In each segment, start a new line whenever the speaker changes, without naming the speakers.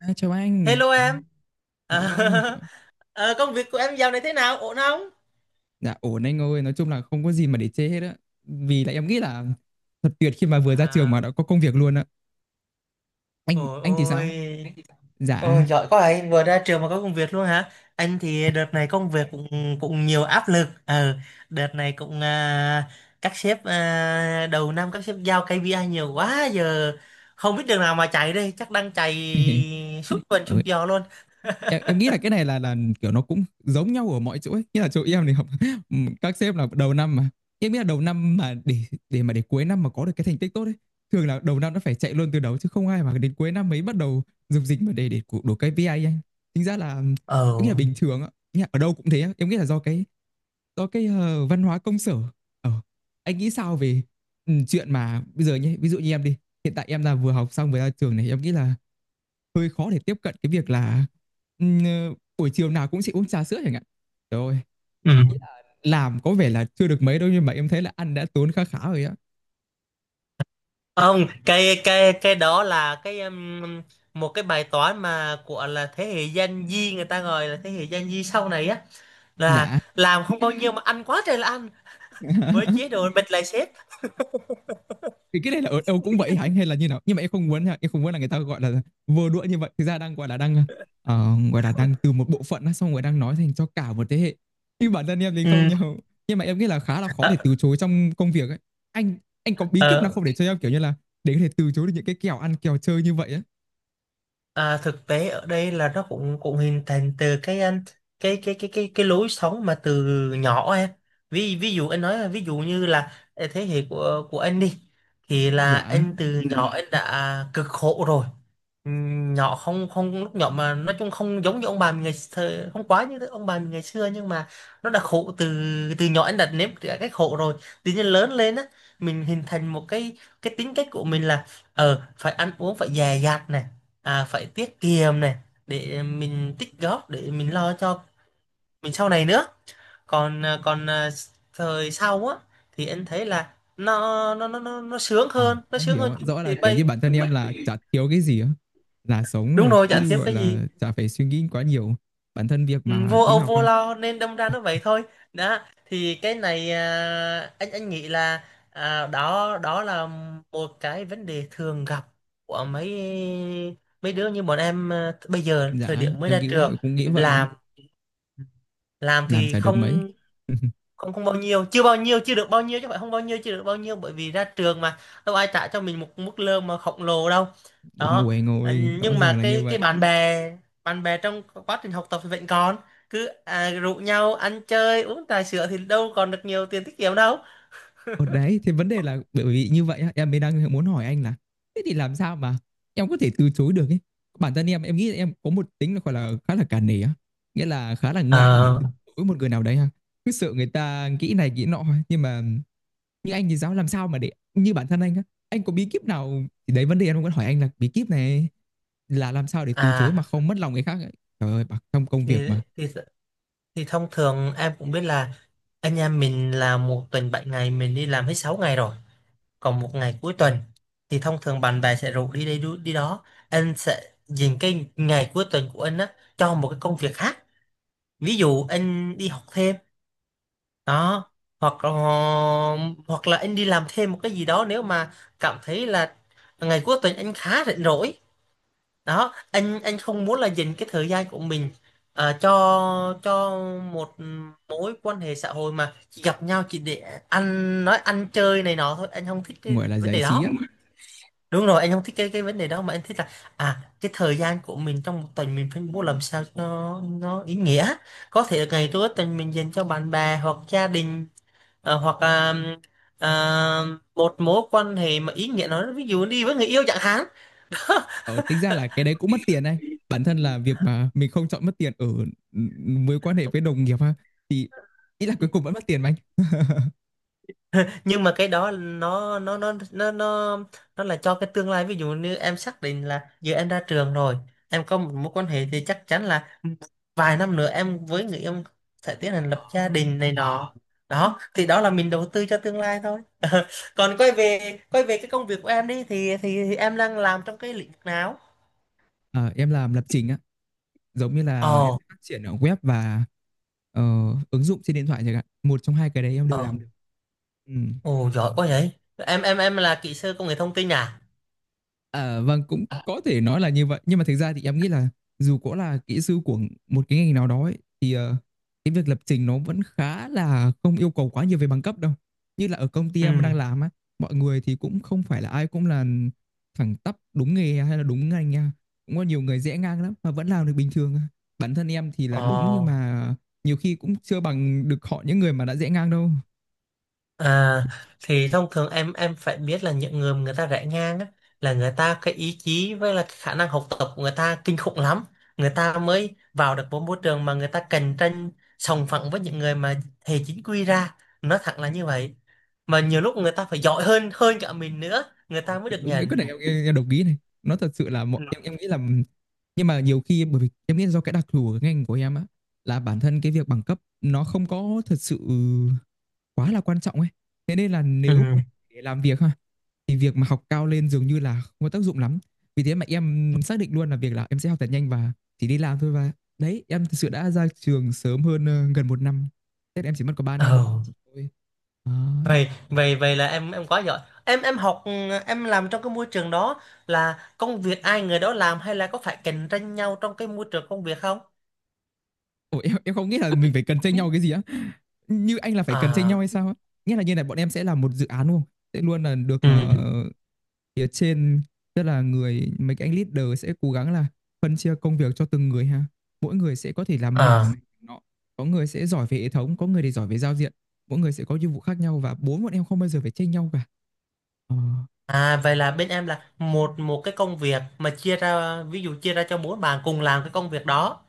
À, chào anh.
Hello em.
Dạ
À,
vâng.
công việc của em dạo này thế nào? Ổn không?
Dạ ổn anh ơi, nói chung là không có gì mà để chê hết á. Vì là em nghĩ là thật tuyệt khi mà vừa ra trường mà
À,
đã có công việc luôn á. Anh
ôi
anh thì sao?
ôi.
Dạ.
Ôi giỏi quá anh vừa ra trường mà có công việc luôn hả? Anh thì đợt này công việc cũng cũng nhiều áp lực. Ờ, Đợt này cũng đầu năm các sếp giao KPI nhiều quá, giờ không biết đường nào mà chạy đây, chắc đang chạy suốt tuần suốt
Ừ,
giờ luôn.
em nghĩ là cái này là kiểu nó cũng giống nhau ở mọi chỗ ấy. Nghĩa là chỗ em thì học các sếp là đầu năm mà em nghĩ là đầu năm mà để mà để cuối năm mà có được cái thành tích tốt ấy, thường là đầu năm nó phải chạy luôn từ đầu chứ không ai mà đến cuối năm mới bắt đầu dục dịch mà để đổ cái KPI anh. Tính ra là em nghĩ
Ờ.
là bình thường ạ. Nghĩa là ở đâu cũng thế á. Em nghĩ là do cái văn hóa công sở. ờ, anh nghĩ sao về chuyện mà bây giờ nhé, ví dụ như em đi, hiện tại em là vừa học xong vừa ra trường này, em nghĩ là hơi khó để tiếp cận cái việc là ừm, ờ, buổi chiều nào cũng sẽ uống trà sữa chẳng hạn. Trời ơi,
Ừ.
làm có vẻ là chưa được mấy đâu nhưng mà em thấy là ăn đã tốn khá khá rồi á.
Không, cái đó là cái một cái bài toán mà của là thế hệ Gen Z, người ta gọi là thế hệ Gen Z sau này á, là
Đã
làm không bao nhiêu mà ăn quá trời là ăn, với chế độ bịt lại sếp.
thì cái này là ở đâu cũng vậy hả anh hay là như nào? Nhưng mà em không muốn nha, em không muốn là người ta, gọi là, vừa đũa như vậy, thực ra đang, gọi là, đang, gọi là, đang từ một bộ phận á, xong rồi đang nói thành cho cả một thế hệ. Nhưng bản thân em thì không
Ừ,
nhau. Nhưng mà em nghĩ là khá là khó
ờ,
để từ chối trong công việc ấy. Anh anh có bí kíp nào
ờ,
không để cho em, kiểu như là, để có thể từ chối được những cái kèo ăn kèo chơi như vậy á?
thực tế ở đây là nó cũng cũng hình thành từ cái cái lối sống mà từ nhỏ em. Ví ví dụ anh nói là, ví dụ như là thế hệ của anh đi thì là
Dạ.
anh từ Ừ. nhỏ anh đã cực khổ rồi. Nhỏ không không lúc nhỏ mà nói chung không giống như ông bà mình ngày xưa, không quá như ông bà mình ngày xưa, nhưng mà nó đã khổ từ từ nhỏ anh đã nếm trải cái khổ rồi. Tự nhiên lớn lên á, mình hình thành một cái tính cách của mình là phải ăn uống phải dè dặt này, phải tiết kiệm này, để mình tích góp để mình lo cho mình sau này nữa. Còn thời sau á thì anh thấy là nó sướng
Ờ,
hơn nó
em
sướng
hiểu
hơn
ạ.
chút
Rõ là
thì
kiểu như
bây.
bản thân em là chả thiếu cái gì á, là sống
Đúng
là
rồi, chả
cứ
thiếu
gọi
cái gì.
là chả phải suy nghĩ quá nhiều. Bản thân việc
Ừ,
mà
vô
đi
âu
học
vô
ha,
lo nên đâm ra nó vậy thôi. Đó, thì cái này anh nghĩ là đó đó là một cái vấn đề thường gặp của mấy mấy đứa như bọn em bây giờ, thời
dạ
điểm mới
em
ra
nghĩ cũng
trường.
cũng nghĩ
Đúng rồi.
vậy ạ.
Làm
Làm
thì
chả được mấy.
không không không bao nhiêu, chưa bao nhiêu, chưa được bao nhiêu, chứ không phải không bao nhiêu, chưa được bao nhiêu, bởi vì ra trường mà đâu ai trả cho mình một mức lương mà khổng lồ đâu.
Đúng,
Đó.
ngồi
Ừ.
ngồi rõ
Nhưng mà
ràng là như
cái
vậy.
bạn bè trong quá trình học tập thì vẫn còn cứ rủ nhau ăn chơi uống trà sữa, thì đâu còn được nhiều tiền tiết kiệm đâu.
Ở đấy thì vấn đề là bởi vì như vậy á, em mới đang muốn hỏi anh là thế thì làm sao mà em có thể từ chối được ấy. Bản thân em nghĩ là em có một tính là gọi là khá là cả nể á, nghĩa là khá là ngại để
Ờ,
từ chối một người nào đấy ha, cứ sợ người ta nghĩ này nghĩ nọ ấy. Nhưng mà như anh thì giáo làm sao mà để như bản thân anh á, anh có bí kíp nào thì đấy vấn đề em vẫn hỏi anh là bí kíp này, là làm sao để từ chối mà
à
không mất lòng người khác ấy. Trời ơi, trong công việc
thì
mà
thì thì thông thường em cũng biết là anh em mình là một tuần 7 ngày mình đi làm hết 6 ngày rồi. Còn một ngày cuối tuần thì thông thường bạn bè sẽ rủ đi đây đi đó. Anh sẽ dành cái ngày cuối tuần của anh á cho một cái công việc khác. Ví dụ anh đi học thêm đó, hoặc là anh đi làm thêm một cái gì đó nếu mà cảm thấy là ngày cuối tuần anh khá rảnh rỗi. Đó, anh không muốn là dành cái thời gian của mình cho cho một mối quan hệ xã hội mà chỉ gặp nhau chỉ để ăn nói, ăn chơi này nọ thôi, anh không thích cái
gọi là
vấn
giải
đề
trí
đó.
á.
Đúng rồi, anh không thích cái vấn đề đó, mà anh thích là cái thời gian của mình trong một tuần mình phải mua làm sao cho nó ý nghĩa. Có thể ngày cuối tuần mình dành cho bạn bè hoặc gia đình, hoặc à, một mối quan hệ mà ý nghĩa, nó ví dụ đi với người yêu chẳng hạn.
Ờ, Tính ra là cái đấy cũng mất tiền anh, bản thân là việc mà mình không chọn mất tiền ở ừ, mối quan hệ với đồng nghiệp ha, thì ý là cuối cùng vẫn mất tiền mà anh.
Nhưng mà cái đó nó là cho cái tương lai, ví dụ như em xác định là giờ em ra trường rồi, em có một mối quan hệ thì chắc chắn là vài năm nữa em với người yêu sẽ tiến hành
Ờ,
lập gia đình này nọ. Đó thì đó là mình đầu tư cho tương lai thôi. Còn quay về cái công việc của em đi, thì thì em đang làm trong cái lĩnh vực nào?
ờ, em làm lập trình á, giống như là em
Ồ.
sẽ phát triển ở web và ờ, ứng dụng trên điện thoại chẳng hạn, một trong hai cái đấy em
ồ
đều làm được. Ừ.
ồ giỏi quá vậy. Em là kỹ sư công nghệ thông tin à?
À, vâng cũng
À.
có thể nói là như vậy nhưng mà thực ra thì em nghĩ là dù có là kỹ sư của một cái ngành nào đó ấy, thì cái việc lập trình nó vẫn khá là không yêu cầu quá nhiều về bằng cấp đâu. Như là ở công ty em
Ừ.
đang làm á, mọi người thì cũng không phải là ai cũng là thẳng tắp đúng nghề hay là đúng ngành nha, cũng có nhiều người rẽ ngang lắm mà vẫn làm được bình thường. Bản thân em thì là
Ồ.
đúng nhưng mà nhiều khi cũng chưa bằng được họ, những người mà đã rẽ ngang đâu.
À, thì thông thường em phải biết là những người mà người ta rẽ ngang á, là người ta, cái ý chí với là cái khả năng học tập của người ta kinh khủng lắm. Người ta mới vào được một môi trường mà người ta cạnh tranh sòng phẳng với những người mà hệ chính quy ra. Nói thẳng là như vậy. Mà nhiều lúc người ta phải giỏi hơn hơn cả mình nữa, người
Ờ,
ta mới được
đúng cái
nhận.
này em đồng ý này, nó thật sự là mọi, em nghĩ là nhưng mà nhiều khi bởi vì em nghĩ do cái đặc thù của ngành của em á, là bản thân cái việc bằng cấp nó không có thật sự quá là quan trọng ấy, thế nên là nếu mà
Ừ.
để làm việc ha thì việc mà học cao lên dường như là không có tác dụng lắm. Vì thế mà em xác định luôn là việc là em sẽ học thật nhanh và chỉ đi làm thôi, và đấy em thật sự đã ra trường sớm hơn gần một năm. Tết em chỉ mất có 3 năm
Ừ.
thôi.
vậy vậy vậy là em quá giỏi. Em học em làm trong cái môi trường đó, là công việc ai người đó làm, hay là có phải cạnh tranh nhau trong cái môi trường công việc không?
Ủa, em không nghĩ là mình phải cần tranh nhau cái gì á, như anh là phải cần tranh nhau
À.
hay sao á? Nghĩa là như này, bọn em sẽ là một dự án đúng không, sẽ luôn là được
Ừ.
phía trên, tức là người mấy cái anh leader sẽ cố gắng là phân chia công việc cho từng người ha, mỗi người sẽ có thể làm mảng
à
này nọ, có người sẽ giỏi về hệ thống, có người thì giỏi về giao diện, mỗi người sẽ có nhiệm vụ khác nhau và bốn bọn em không bao giờ phải tranh nhau cả. Ờ,
à vậy là bên em là một một cái công việc mà chia ra, ví dụ chia ra cho bốn bạn cùng làm cái công việc đó,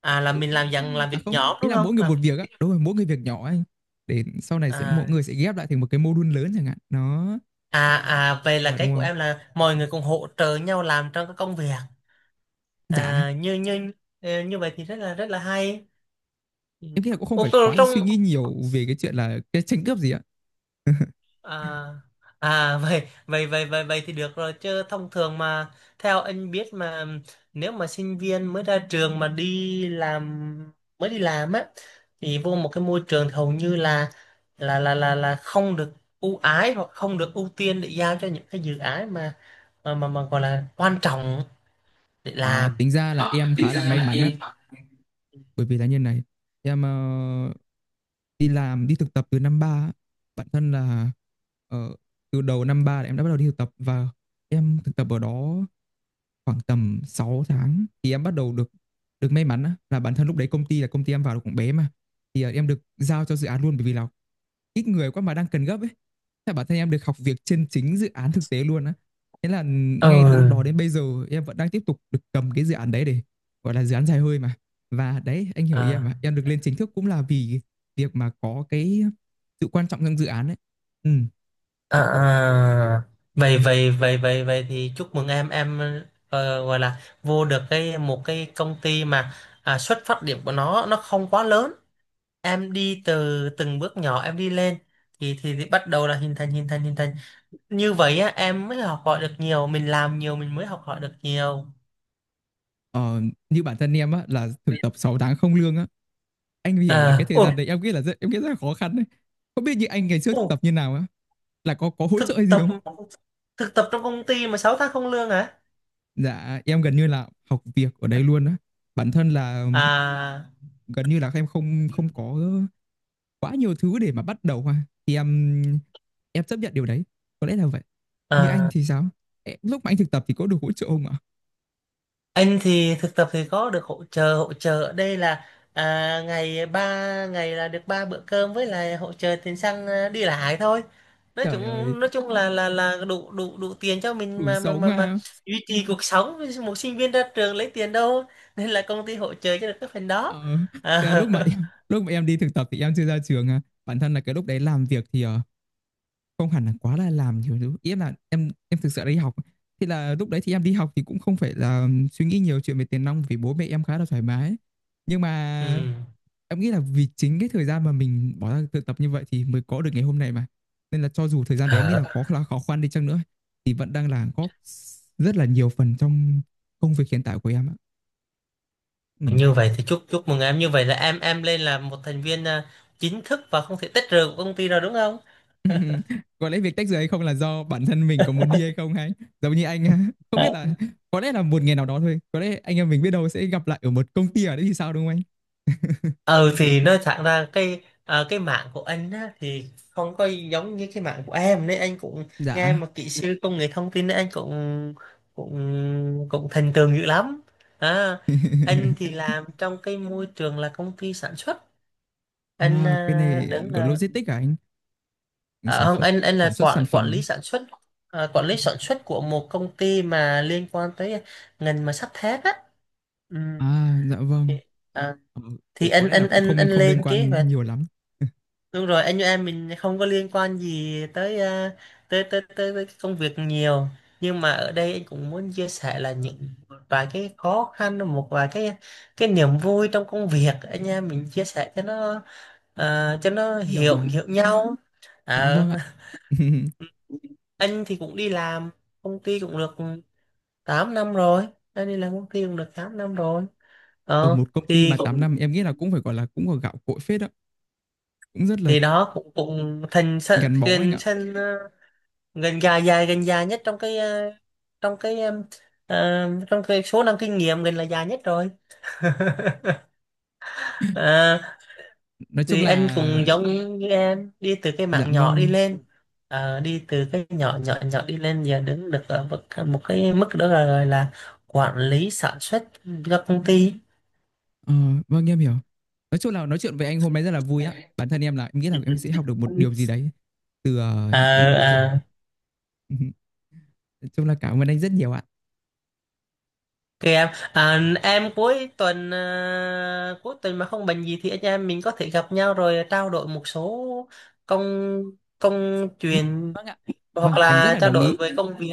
là mình
đúng.
làm dạng làm
À
việc
không,
nhóm
ý
đúng
là
không,
mỗi người
làm,
một việc á, đúng rồi, mỗi người việc nhỏ anh, để sau này sẽ mỗi
à
người sẽ ghép lại thành một cái module lớn chẳng hạn đó,
à vậy
em
là
mà đúng
cái của
không?
em là mọi người cùng hỗ trợ nhau làm trong cái công việc.
Dạ,
À, như như như vậy thì rất là hay. Ừ.
em nghĩ là cũng không
Ủa,
phải
còn
quá
trong
suy nghĩ nhiều về cái chuyện là cái tranh cướp gì ạ.
À, vậy vậy vậy vậy vậy thì được rồi, chứ thông thường mà theo anh biết mà, nếu mà sinh viên mới ra trường mà đi làm, mới đi làm á, thì vô một cái môi trường thì hầu như là không được ưu ái, hoặc không được ưu tiên để giao cho những cái dự án mà mà gọi là quan trọng để
Ờ,
làm.
tính ra là
Ờ,
em
thì
khá
ra
là may
là
mắn á,
em.
bởi vì là như này, em đi làm, đi thực tập từ năm ba á. Bản thân là ờ, từ đầu năm ba là em đã bắt đầu đi thực tập và em thực tập ở đó khoảng tầm 6 tháng thì em bắt đầu được được may mắn á, là bản thân lúc đấy công ty là công ty em vào là cũng bé mà, thì em được giao cho dự án luôn bởi vì là ít người quá mà đang cần gấp ấy, thế bản thân em được học việc trên chính dự án thực tế luôn á, thế là ngay từ lúc
Ừ.
đó đến bây giờ em vẫn đang tiếp tục được cầm cái dự án đấy để gọi là dự án dài hơi mà, và đấy anh hiểu ý em
À.
mà, em được lên chính thức cũng là vì việc mà có cái sự quan trọng trong dự án ấy. Ừ.
À, vậy vậy vậy vậy vậy thì chúc mừng em. Gọi là vô được cái một cái công ty mà xuất phát điểm của nó không quá lớn, em đi từ từng bước nhỏ em đi lên, thì thì bắt đầu là hình thành như vậy á, em mới học hỏi được nhiều, mình làm nhiều mình mới học hỏi được nhiều.
ờ, Như bản thân em á là thực tập 6 tháng không lương á, anh hiểu là cái
À.
thời
ồ
gian đấy em nghĩ là rất, em nghĩ rất là khó khăn đấy, không biết như anh ngày trước thực
ồ
tập như nào á, là có hỗ trợ hay
thực
gì
tập,
không?
trong công ty mà 6 tháng không lương hả?
Dạ em gần như là học việc ở đây luôn á, bản thân là
à,
gần như là em không không có quá nhiều thứ để mà bắt đầu ha. Thì em chấp nhận điều đấy, có lẽ là vậy. Như anh
à
thì sao? Ê, lúc mà anh thực tập thì có được hỗ trợ không ạ?
Anh thì thực tập thì có được hỗ trợ, ở đây là à, ngày ba ngày là được 3 bữa cơm với lại hỗ trợ tiền xăng, đi lại thôi.
Trời ơi,
Nói chung là đủ, đủ tiền cho
đủ
mình mà
sống ha.
duy trì cuộc sống, một sinh viên ra trường lấy tiền đâu, nên là công ty hỗ trợ cho được cái phần đó.
Ờ, cái
à,
lúc mà em đi thực tập thì em chưa ra trường ha. Bản thân là cái lúc đấy làm việc thì không hẳn là quá là làm nhiều thứ, ý là em thực sự đi học thì là lúc đấy thì em đi học thì cũng không phải là suy nghĩ nhiều chuyện về tiền nong vì bố mẹ em khá là thoải mái, nhưng mà
ừ.
em nghĩ là vì chính cái thời gian mà mình bỏ ra tự tập như vậy thì mới có được ngày hôm nay mà, nên là cho dù thời gian đấy em nghĩ
Ờ,
là có là khó khăn đi chăng nữa thì vẫn đang là góp rất là nhiều phần trong công việc hiện tại của em ạ. Ừ.
Như vậy thì chúc chúc mừng em, như vậy là em lên là một thành viên chính thức và không thể tách rời của công ty rồi đúng không?
Ừm, có lẽ việc tách rời hay không là do bản thân mình có muốn đi hay không, hay giống như anh. Không biết là có lẽ là một ngày nào đó thôi, có lẽ anh em mình biết đâu sẽ gặp lại ở một công ty ở đấy thì sao, đúng không anh?
Ừ thì nói thẳng ra cái cái mạng của anh á, thì không có giống như cái mạng của em, nên anh cũng nghe
Dạ.
mà kỹ sư công nghệ thông tin, nên anh cũng cũng cũng thành tường dữ lắm. à, anh thì làm trong cái môi trường là công ty sản xuất, anh
À, cái này
đứng
có
là
logistics à, anh sản
không,
xuất
anh là
sản xuất sản
quản quản lý
phẩm
sản xuất, quản lý sản xuất của một công ty mà liên quan tới ngành mà sắt thép á. Ừ.
à? Dạ vâng.
à,
Ờ,
thì
có lẽ là cũng không
anh
không liên
lên kế
quan
hoạch.
nhiều lắm.
Đúng rồi, anh như em mình không có liên quan gì tới tới, tới tới tới cái công việc nhiều. Nhưng mà ở đây anh cũng muốn chia sẻ là những một vài cái khó khăn, một vài cái niềm vui trong công việc anh em mình chia sẻ cho nó, cho nó
Em hiểu
hiểu
mà.
hiểu nhau.
Dạ
Ờ,
vâng ạ.
anh thì cũng đi làm công ty cũng được 8 năm rồi. Anh đi làm công ty cũng được 8 năm rồi.
Ở
Ờ
một công ty
thì
mà 8
cũng
năm em nghĩ là cũng phải gọi là cũng có gạo cội phết đó, cũng rất là
thì đó cũng cũng thành sân,
gắn bó anh
thành
ạ,
sân ờ, gần dài nhất trong cái trong cái ờ, trong cái số năm kinh nghiệm gần là dài nhất rồi. à,
nói chung
thì
là
anh cũng giống như em, đi từ cái
dạ
mảng nhỏ đi
vâng.
lên. Ờ, đi từ cái nhỏ nhỏ nhỏ đi lên, giờ đứng được ở một cái mức đó là gọi là quản lý sản xuất cho công ty.
Ờ, vâng em hiểu. Nói chung là nói chuyện với anh hôm nay rất là vui á. Bản thân em là em nghĩ là em sẽ học được một điều gì đấy từ những cái chia sẻ.
À,
Ừ, nói chung là cảm ơn anh rất nhiều ạ.
kìa em, cuối tuần mà không bệnh gì thì anh em mình có thể gặp nhau rồi trao đổi một số công,
Ừ,
chuyện,
vâng ạ.
hoặc
Vâng, em rất
là
là
trao
đồng
đổi
ý.
về công việc.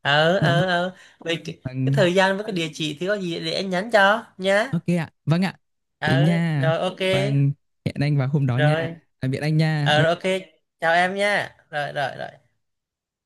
Dạ vâng.
Về cái
Vâng.
thời gian với cái địa chỉ thì có gì để anh nhắn cho nhá.
Ok ạ. Vâng ạ. Thế
Ờ
nha.
rồi, ok.
Vâng, hẹn anh vào hôm đó nha.
Rồi.
Tạm biệt anh nha.
Ờ rồi,
Bye
ok. Chào em nha. Rồi rồi rồi.